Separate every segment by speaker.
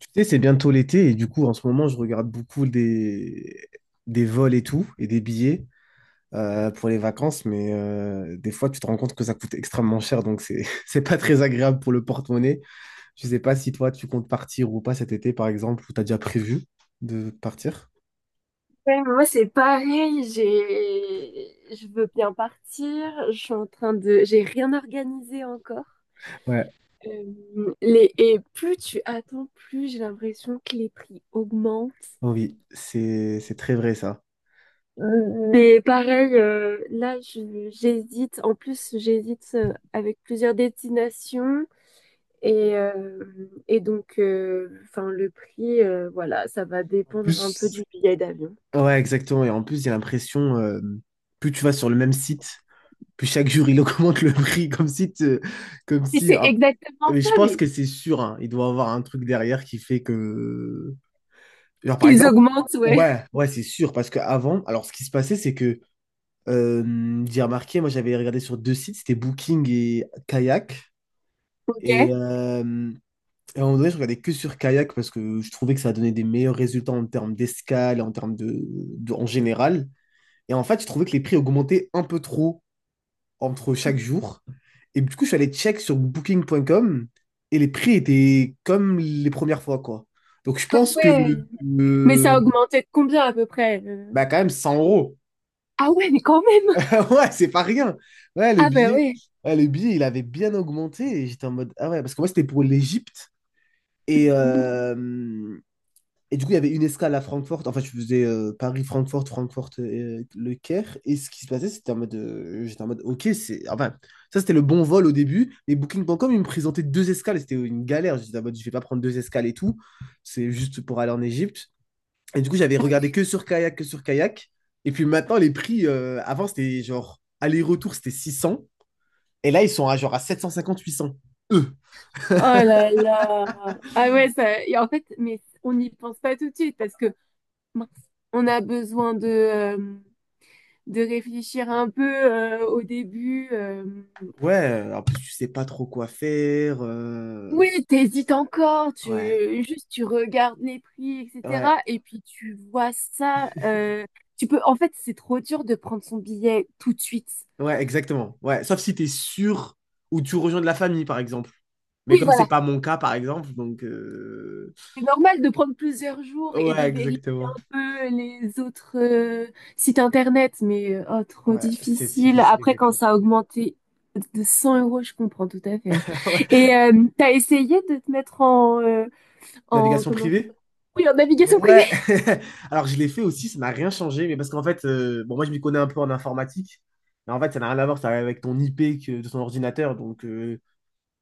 Speaker 1: Tu sais, c'est bientôt l'été et du coup, en ce moment, je regarde beaucoup des vols et tout, et des billets pour les vacances, mais des fois, tu te rends compte que ça coûte extrêmement cher, donc c'est c'est pas très agréable pour le porte-monnaie. Je sais pas si toi, tu comptes partir ou pas cet été, par exemple, ou t'as déjà prévu de partir.
Speaker 2: Ouais, moi c'est pareil, j'ai je veux bien partir, je suis en train de j'ai rien organisé encore.
Speaker 1: Ouais.
Speaker 2: Et plus tu attends, plus j'ai l'impression que les prix augmentent.
Speaker 1: Oui, c'est très vrai ça.
Speaker 2: Mais pareil, là j'hésite, en plus j'hésite avec plusieurs destinations et donc enfin le prix voilà, ça va
Speaker 1: En
Speaker 2: dépendre un peu
Speaker 1: plus,
Speaker 2: du billet d'avion.
Speaker 1: ouais, exactement. Et en plus, j'ai l'impression, plus tu vas sur le même site, puis chaque jour, il augmente le prix comme si, comme
Speaker 2: Et
Speaker 1: si.
Speaker 2: c'est
Speaker 1: Ah,
Speaker 2: exactement
Speaker 1: mais
Speaker 2: ça,
Speaker 1: je pense
Speaker 2: mais
Speaker 1: que c'est sûr, hein, il doit avoir un truc derrière qui fait que. Genre, par
Speaker 2: qu'ils
Speaker 1: exemple,
Speaker 2: augmentent, ouais.
Speaker 1: ouais, ouais, c'est sûr. Parce qu'avant, alors ce qui se passait, c'est que j'ai remarqué, moi j'avais regardé sur deux sites, c'était Booking et Kayak.
Speaker 2: Ok.
Speaker 1: Et, euh, et à un moment donné, je regardais que sur Kayak parce que je trouvais que ça donnait des meilleurs résultats en termes d'escale, et en termes en général. Et en fait, je trouvais que les prix augmentaient un peu trop, entre chaque jour. Et du coup, je suis allé check sur booking.com et les prix étaient comme les premières fois, quoi. Donc, je
Speaker 2: Ah
Speaker 1: pense que,
Speaker 2: ouais. Mais ça
Speaker 1: euh,
Speaker 2: a augmenté de combien à peu près?
Speaker 1: bah, quand même, 100 euros.
Speaker 2: Ah ouais, mais quand même.
Speaker 1: Ouais, c'est pas rien. Ouais, le
Speaker 2: Ah bah
Speaker 1: billet,
Speaker 2: ouais.
Speaker 1: ouais, le billet, il avait bien augmenté. Et j'étais en mode, ah ouais, parce que moi, c'était pour l'Égypte. Et,
Speaker 2: Mm.
Speaker 1: euh, Et du coup, il y avait une escale à Francfort. Enfin, je faisais Paris, Francfort, Francfort, Le Caire. Et ce qui se passait, c'était en mode. J'étais en mode, ok, c'est. Enfin, ça, c'était le bon vol au début. Mais Booking.com, il me présentait deux escales. Et c'était une galère. J'étais en mode, je vais pas prendre deux escales et tout. C'est juste pour aller en Égypte. Et du coup, j'avais regardé que sur kayak. Et puis maintenant, les prix, avant, c'était genre, aller-retour, c'était 600. Et là, ils sont à genre à 750, 800. Eux.
Speaker 2: Oh là là. Ah ouais, ça, et en fait, mais on n'y pense pas tout de suite parce que mince, on a besoin de réfléchir un peu au début.
Speaker 1: Ouais, en plus, tu sais pas trop quoi faire.
Speaker 2: Oui, t'hésites encore,
Speaker 1: Ouais.
Speaker 2: juste tu regardes les prix,
Speaker 1: Ouais.
Speaker 2: etc. Et puis tu vois ça. En fait, c'est trop dur de prendre son billet tout de suite.
Speaker 1: Ouais, exactement. Ouais, sauf si tu es sûr ou tu rejoins de la famille, par exemple. Mais
Speaker 2: Oui,
Speaker 1: comme c'est
Speaker 2: voilà.
Speaker 1: pas mon cas, par exemple, donc
Speaker 2: C'est normal de prendre plusieurs jours et
Speaker 1: ouais,
Speaker 2: de vérifier
Speaker 1: exactement.
Speaker 2: un peu les autres sites internet, mais oh, trop
Speaker 1: Ouais, c'est
Speaker 2: difficile.
Speaker 1: difficile,
Speaker 2: Après, quand
Speaker 1: exactement.
Speaker 2: ça a augmenté de 100 euros, je comprends tout à fait, hein.
Speaker 1: Ouais.
Speaker 2: Et t'as essayé de te mettre en, en
Speaker 1: Navigation
Speaker 2: comment?
Speaker 1: privée?
Speaker 2: Oui, en navigation privée.
Speaker 1: Ouais. Alors je l'ai fait aussi, ça n'a rien changé, mais parce qu'en fait, bon, moi je m'y connais un peu en informatique, mais en fait ça n'a rien à voir, ça va avec ton IP que, de ton ordinateur, donc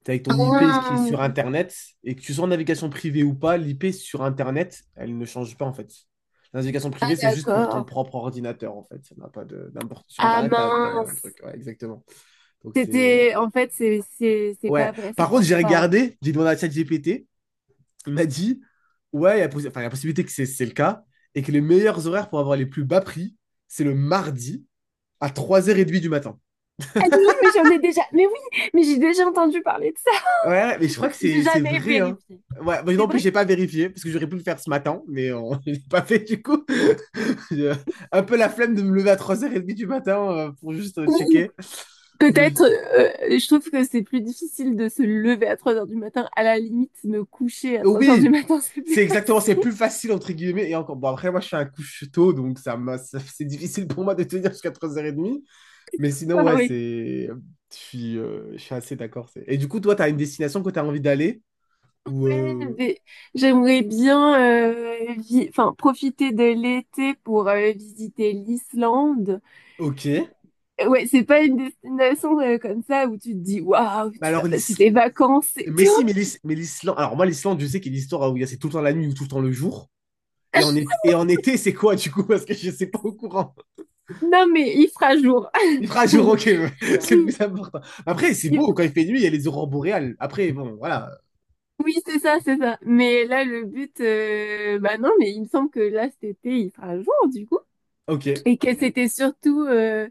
Speaker 1: t'es avec ton IP qui est
Speaker 2: Ah,
Speaker 1: sur Internet, et que tu sois en navigation privée ou pas, l'IP sur Internet, elle ne change pas en fait. La navigation
Speaker 2: ah,
Speaker 1: privée, c'est juste pour ton
Speaker 2: d'accord.
Speaker 1: propre ordinateur en fait. Ça n'a pas d'importance. Sur
Speaker 2: Ah
Speaker 1: Internet, t'as un
Speaker 2: mince.
Speaker 1: truc, ouais, exactement. Donc c'est.
Speaker 2: En fait, c'est
Speaker 1: Ouais.
Speaker 2: pas vrai, ça
Speaker 1: Par contre, j'ai
Speaker 2: marche pas, hein.
Speaker 1: regardé, j'ai demandé à ChatGPT, il m'a dit, ouais, il y a, possi- enfin, il y a possibilité que c'est le cas, et que les meilleurs horaires pour avoir les plus bas prix, c'est le mardi à trois heures 30 du matin.
Speaker 2: Ah oui, mais j'en ai déjà. Mais oui, mais j'ai déjà entendu parler de ça.
Speaker 1: Ouais, mais je crois que
Speaker 2: J'ai
Speaker 1: c'est
Speaker 2: jamais
Speaker 1: vrai, hein.
Speaker 2: vérifié.
Speaker 1: Ouais, mais
Speaker 2: C'est
Speaker 1: non plus,
Speaker 2: vrai?
Speaker 1: j'ai pas vérifié, parce que j'aurais pu le faire ce matin, mais on... je l'ai pas fait du coup. J'ai un peu la flemme de me lever à 3h30 du matin pour juste checker. Le-
Speaker 2: Peut-être, je trouve que c'est plus difficile de se lever à 3h du matin. À la limite, me coucher à trois heures du
Speaker 1: Oui,
Speaker 2: matin, c'est plus
Speaker 1: c'est exactement, c'est
Speaker 2: facile.
Speaker 1: plus facile entre guillemets. Et encore, bon, après, moi je fais un couche tôt, donc c'est difficile pour moi de tenir jusqu'à 3h30. Mais sinon,
Speaker 2: Ah
Speaker 1: ouais,
Speaker 2: oui.
Speaker 1: c'est. Je suis assez d'accord. Et du coup, toi, t'as une destination que t'as envie d'aller? Ou.
Speaker 2: Ouais, mais j'aimerais bien enfin, profiter de l'été pour visiter l'Islande.
Speaker 1: Ok. Mais
Speaker 2: Ouais, c'est pas une destination comme ça où tu te dis waouh, tu vas
Speaker 1: alors,
Speaker 2: passer tes vacances et
Speaker 1: mais
Speaker 2: tout.
Speaker 1: si, mais l'Islande. Alors, moi, l'Islande, je sais qu'il y a l'histoire où c'est tout le temps la nuit ou tout le temps le jour. Et en, été- et en été, c'est quoi, du coup? Parce que je ne sais pas au courant.
Speaker 2: Non, mais il fera jour.
Speaker 1: Il fera jour, ok, c'est le plus important. Après, c'est
Speaker 2: Oui,
Speaker 1: beau, quand il fait nuit, il y a les aurores boréales. Après, bon, voilà.
Speaker 2: oui, c'est ça, c'est ça. Mais là, le but, bah non, mais il me semble que là, cet été, il fera jour, du coup.
Speaker 1: Ok,
Speaker 2: Et que c'était surtout euh,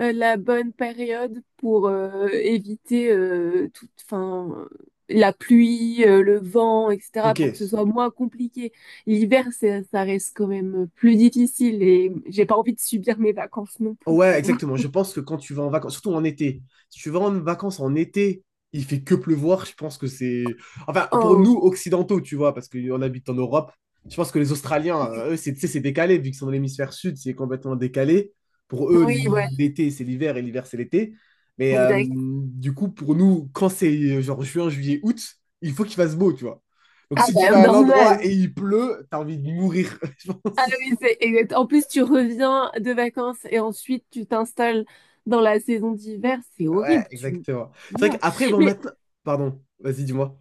Speaker 2: euh, la bonne période pour éviter toute, enfin, la pluie, le vent, etc.,
Speaker 1: ok.
Speaker 2: pour que ce soit moins compliqué. L'hiver, ça reste quand même plus difficile et j'ai pas envie de subir mes vacances non plus,
Speaker 1: Ouais,
Speaker 2: tu vois.
Speaker 1: exactement. Je pense que quand tu vas en vacances, surtout en été, si tu vas en vacances en été, il fait que pleuvoir. Je pense que c'est. Enfin, pour nous,
Speaker 2: Oh,
Speaker 1: occidentaux, tu vois, parce qu'on habite en Europe, je pense que les Australiens,
Speaker 2: oui,
Speaker 1: eux, c'est tu sais, c'est décalé, vu qu'ils sont dans l'hémisphère sud, c'est complètement décalé. Pour eux,
Speaker 2: oui, ouais,
Speaker 1: l'été, c'est l'hiver et l'hiver, c'est l'été. Mais
Speaker 2: exact.
Speaker 1: du coup, pour nous, quand c'est genre juin, juillet, août, il faut qu'il fasse beau, tu vois. Donc
Speaker 2: Ah
Speaker 1: si tu
Speaker 2: bah,
Speaker 1: vas à un
Speaker 2: normal.
Speaker 1: endroit et il pleut, t'as envie de mourir, je
Speaker 2: Ah
Speaker 1: pense.
Speaker 2: oui, c'est exact. En plus, tu reviens de vacances et ensuite tu t'installes dans la saison d'hiver. C'est
Speaker 1: Ouais,
Speaker 2: horrible, tu,
Speaker 1: exactement.
Speaker 2: tu
Speaker 1: C'est vrai
Speaker 2: meurs.
Speaker 1: qu'après, bon,
Speaker 2: Mais
Speaker 1: maintenant. Pardon, vas-y, dis-moi.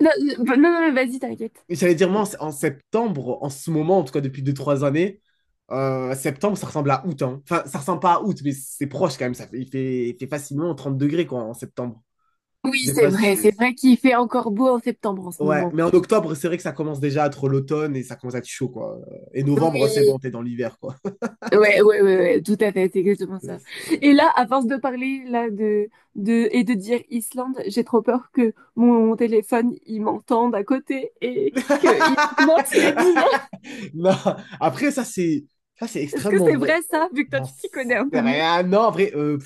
Speaker 2: non, non, non, mais vas-y, t'inquiète.
Speaker 1: Mais j'allais dire, moi, en septembre, en ce moment, en tout cas depuis deux trois années, septembre, ça ressemble à août. Hein. Enfin, ça ressemble pas à août, mais c'est proche quand même. Ça fait, il fait facilement 30 degrés, quoi, en septembre. Je
Speaker 2: Oui,
Speaker 1: sais pas si.
Speaker 2: c'est vrai qu'il fait encore beau en septembre en ce
Speaker 1: Ouais,
Speaker 2: moment.
Speaker 1: mais en octobre, c'est vrai que ça commence déjà à être l'automne et ça commence à être chaud, quoi. Et novembre, c'est bon,
Speaker 2: Oui,
Speaker 1: t'es dans l'hiver, quoi.
Speaker 2: ouais, ouais, ouais, ouais, tout à fait, c'est exactement
Speaker 1: Euh,
Speaker 2: ça.
Speaker 1: c'est-
Speaker 2: Et là, à force de parler là de et de dire Islande, j'ai trop peur que mon téléphone il m'entende à côté et qu'il augmente les billets.
Speaker 1: Non, après, ça, c'est
Speaker 2: Est-ce que
Speaker 1: extrêmement
Speaker 2: c'est
Speaker 1: vrai.
Speaker 2: vrai ça, vu que toi
Speaker 1: J'en
Speaker 2: tu t'y connais un
Speaker 1: sais
Speaker 2: peu mieux?
Speaker 1: rien. Non, en vrai,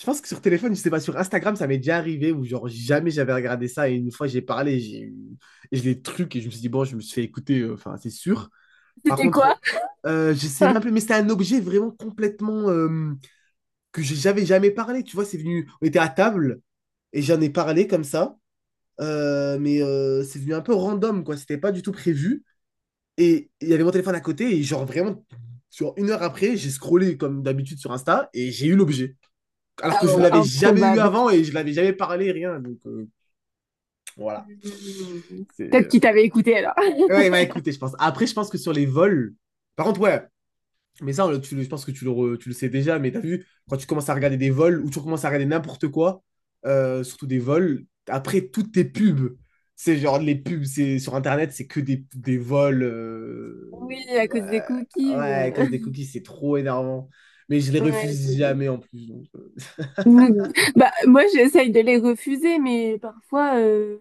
Speaker 1: je pense que sur téléphone, je sais pas, sur Instagram, ça m'est déjà arrivé où genre jamais j'avais regardé ça et une fois j'ai parlé, j'ai eu et je l'ai truc et je me suis dit bon, je me suis fait écouter, enfin c'est sûr. Par
Speaker 2: C'était quoi?
Speaker 1: contre, je sais même plus, mais c'était un objet vraiment complètement que j'avais jamais parlé. Tu vois, c'est venu, on était à table et j'en ai parlé comme ça, mais c'est venu un peu random quoi, c'était pas du tout prévu et il y avait mon téléphone à côté et genre vraiment sur une heure après, j'ai scrollé comme d'habitude sur Insta et j'ai eu l'objet alors
Speaker 2: Ah
Speaker 1: que je ne
Speaker 2: ouais,
Speaker 1: l'avais jamais eu
Speaker 2: improbable.
Speaker 1: avant et je ne l'avais jamais parlé, rien. Donc voilà.
Speaker 2: Hmm.
Speaker 1: C'est,
Speaker 2: Peut-être
Speaker 1: euh,
Speaker 2: qu'il t'avait écouté alors.
Speaker 1: Ouais, il écoutez je pense. Après, je pense que sur les vols. Par contre, ouais, mais ça, on le- tu, le- je pense que tu le sais déjà, mais t'as vu, quand tu commences à regarder des vols ou tu commences à regarder n'importe quoi, surtout des vols, après toutes tes pubs, c'est genre les pubs c'est sur Internet, c'est que des vols.
Speaker 2: Oui, à cause des
Speaker 1: Ouais, ouais,
Speaker 2: cookies.
Speaker 1: à cause des cookies, c'est trop énervant. Mais je les
Speaker 2: Ouais,
Speaker 1: refuse jamais en plus. Donc.
Speaker 2: Bah, moi, j'essaye de les refuser, mais parfois,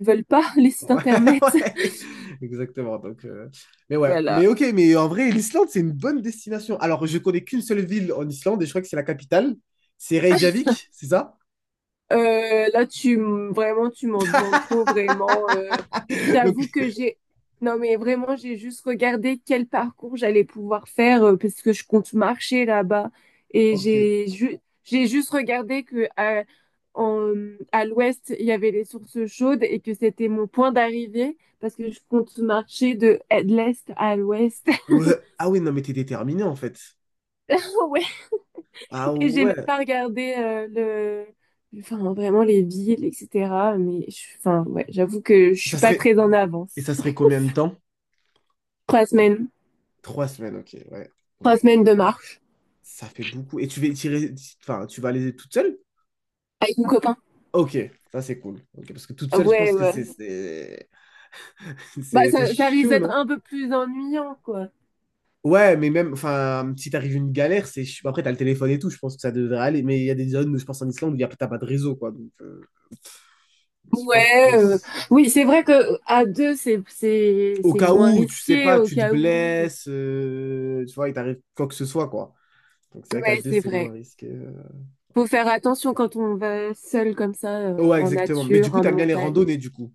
Speaker 2: ils veulent pas les sites
Speaker 1: Ouais,
Speaker 2: internet.
Speaker 1: ouais, exactement. Donc, mais ouais, mais
Speaker 2: Voilà.
Speaker 1: ok, mais en vrai, l'Islande, c'est une bonne destination. Alors, je connais qu'une seule ville en Islande et je crois que c'est la capitale. C'est Reykjavik, c'est ça?
Speaker 2: Là, vraiment, tu m'en demandes trop, vraiment.
Speaker 1: Donc,
Speaker 2: T'avoues que j'ai. Non, mais vraiment, j'ai juste regardé quel parcours j'allais pouvoir faire parce que je compte marcher là-bas. Et
Speaker 1: ok.
Speaker 2: j'ai juste regardé que en- à l'ouest, il y avait les sources chaudes et que c'était mon point d'arrivée parce que je compte marcher de l'est à l'ouest.
Speaker 1: Ouais. Ah oui, non, mais t'es déterminé en fait. Ah
Speaker 2: Et j'ai même
Speaker 1: ouais.
Speaker 2: pas regardé enfin vraiment les villes, etc. Mais enfin ouais, j'avoue que je
Speaker 1: Ça
Speaker 2: suis pas
Speaker 1: serait...
Speaker 2: très en
Speaker 1: Et
Speaker 2: avance.
Speaker 1: ça serait combien de temps?
Speaker 2: 3 semaines.
Speaker 1: 3 semaines, ok, ouais.
Speaker 2: trois
Speaker 1: Donc,
Speaker 2: semaines de marche
Speaker 1: ça fait beaucoup. Et tu vas tirer... Enfin, tu vas aller toute seule?
Speaker 2: avec mon copain.
Speaker 1: Ok, ça c'est cool. Ok, parce que toute seule, je
Speaker 2: Ouais,
Speaker 1: pense que
Speaker 2: ouais.
Speaker 1: c'est... C'est
Speaker 2: Bah
Speaker 1: c'est
Speaker 2: ça, ça risque
Speaker 1: chaud,
Speaker 2: d'être
Speaker 1: non?
Speaker 2: un peu plus ennuyant, quoi.
Speaker 1: Ouais, mais même, enfin, si t'arrives une galère, c'est. Après, t'as le téléphone et tout, je pense que ça devrait aller. Mais il y a des zones, je pense en Islande, où t'as pas de réseau, quoi. Donc, je pense
Speaker 2: Ouais,
Speaker 1: que
Speaker 2: oui, c'est vrai que à deux, c'est c'est
Speaker 1: au
Speaker 2: c'est
Speaker 1: cas
Speaker 2: moins
Speaker 1: où, tu sais
Speaker 2: risqué
Speaker 1: pas,
Speaker 2: au
Speaker 1: tu te
Speaker 2: cas où.
Speaker 1: blesses, tu vois, il t'arrive quoi que ce soit, quoi. Donc, c'est vrai qu'à
Speaker 2: Ouais,
Speaker 1: deux,
Speaker 2: c'est
Speaker 1: c'est moins
Speaker 2: vrai.
Speaker 1: risqué.
Speaker 2: Faut faire attention quand on va seul comme ça
Speaker 1: Ouais,
Speaker 2: en
Speaker 1: exactement. Mais du
Speaker 2: nature,
Speaker 1: coup,
Speaker 2: en
Speaker 1: t'aimes bien les
Speaker 2: montagne.
Speaker 1: randonnées, du coup.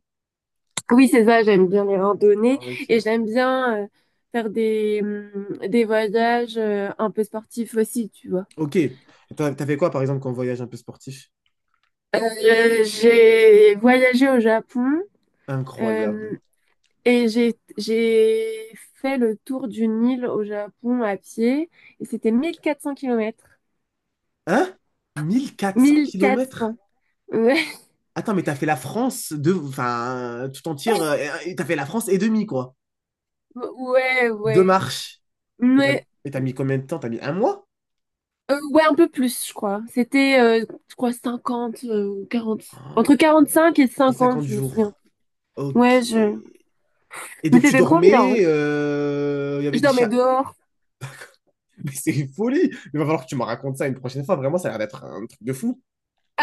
Speaker 2: Oui, c'est ça, j'aime bien les randonnées
Speaker 1: Ah,
Speaker 2: et
Speaker 1: ok.
Speaker 2: j'aime bien faire des voyages un peu sportifs aussi, tu vois.
Speaker 1: Ok. T'as fait quoi, par exemple, quand on voyage un peu sportif?
Speaker 2: J'ai voyagé au Japon euh,
Speaker 1: Incroyable.
Speaker 2: et j'ai fait le tour d'une île au Japon à pied et c'était 1400 kilomètres.
Speaker 1: Hein? mille quatre cents
Speaker 2: mille quatre
Speaker 1: kilomètres
Speaker 2: cents Ouais,
Speaker 1: Attends, mais t'as fait la France de. Enfin, tout entière. Et t'as fait la France et demi, quoi.
Speaker 2: ouais,
Speaker 1: Deux
Speaker 2: ouais.
Speaker 1: marches. Mais t'as
Speaker 2: Mais
Speaker 1: mais t'as mis combien de temps? T'as mis un mois?
Speaker 2: ouais, un peu plus, je crois. C'était, je crois, 50 ou 40.
Speaker 1: Ah,
Speaker 2: Entre 45 et
Speaker 1: et
Speaker 2: 50,
Speaker 1: 50
Speaker 2: je me souviens.
Speaker 1: jours. Ok.
Speaker 2: Ouais, je...
Speaker 1: Et
Speaker 2: Mais
Speaker 1: donc, tu
Speaker 2: c'était trop bien,
Speaker 1: dormais.
Speaker 2: hein.
Speaker 1: Il y
Speaker 2: Je
Speaker 1: avait des
Speaker 2: dormais
Speaker 1: chats.
Speaker 2: dehors.
Speaker 1: Mais c'est une folie! Il va falloir que tu me racontes ça une prochaine fois. Vraiment, ça a l'air d'être un truc de fou.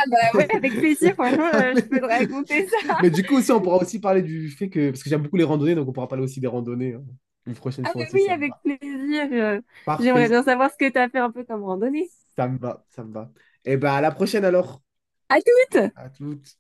Speaker 2: Bah ouais, avec plaisir, franchement,
Speaker 1: Ah, mais...
Speaker 2: je peux te raconter ça.
Speaker 1: mais du coup, aussi, on pourra aussi parler du fait que. Parce que j'aime beaucoup les randonnées, donc on pourra parler aussi des randonnées. Hein. Une prochaine
Speaker 2: Ah
Speaker 1: fois
Speaker 2: bah
Speaker 1: aussi,
Speaker 2: oui,
Speaker 1: ça me
Speaker 2: avec
Speaker 1: va.
Speaker 2: plaisir. J'aimerais
Speaker 1: Parfait.
Speaker 2: bien savoir ce que t'as fait un peu comme randonnée.
Speaker 1: Ça me va. Ça me va. Et bah, à la prochaine alors.
Speaker 2: À toutes!
Speaker 1: À toutes.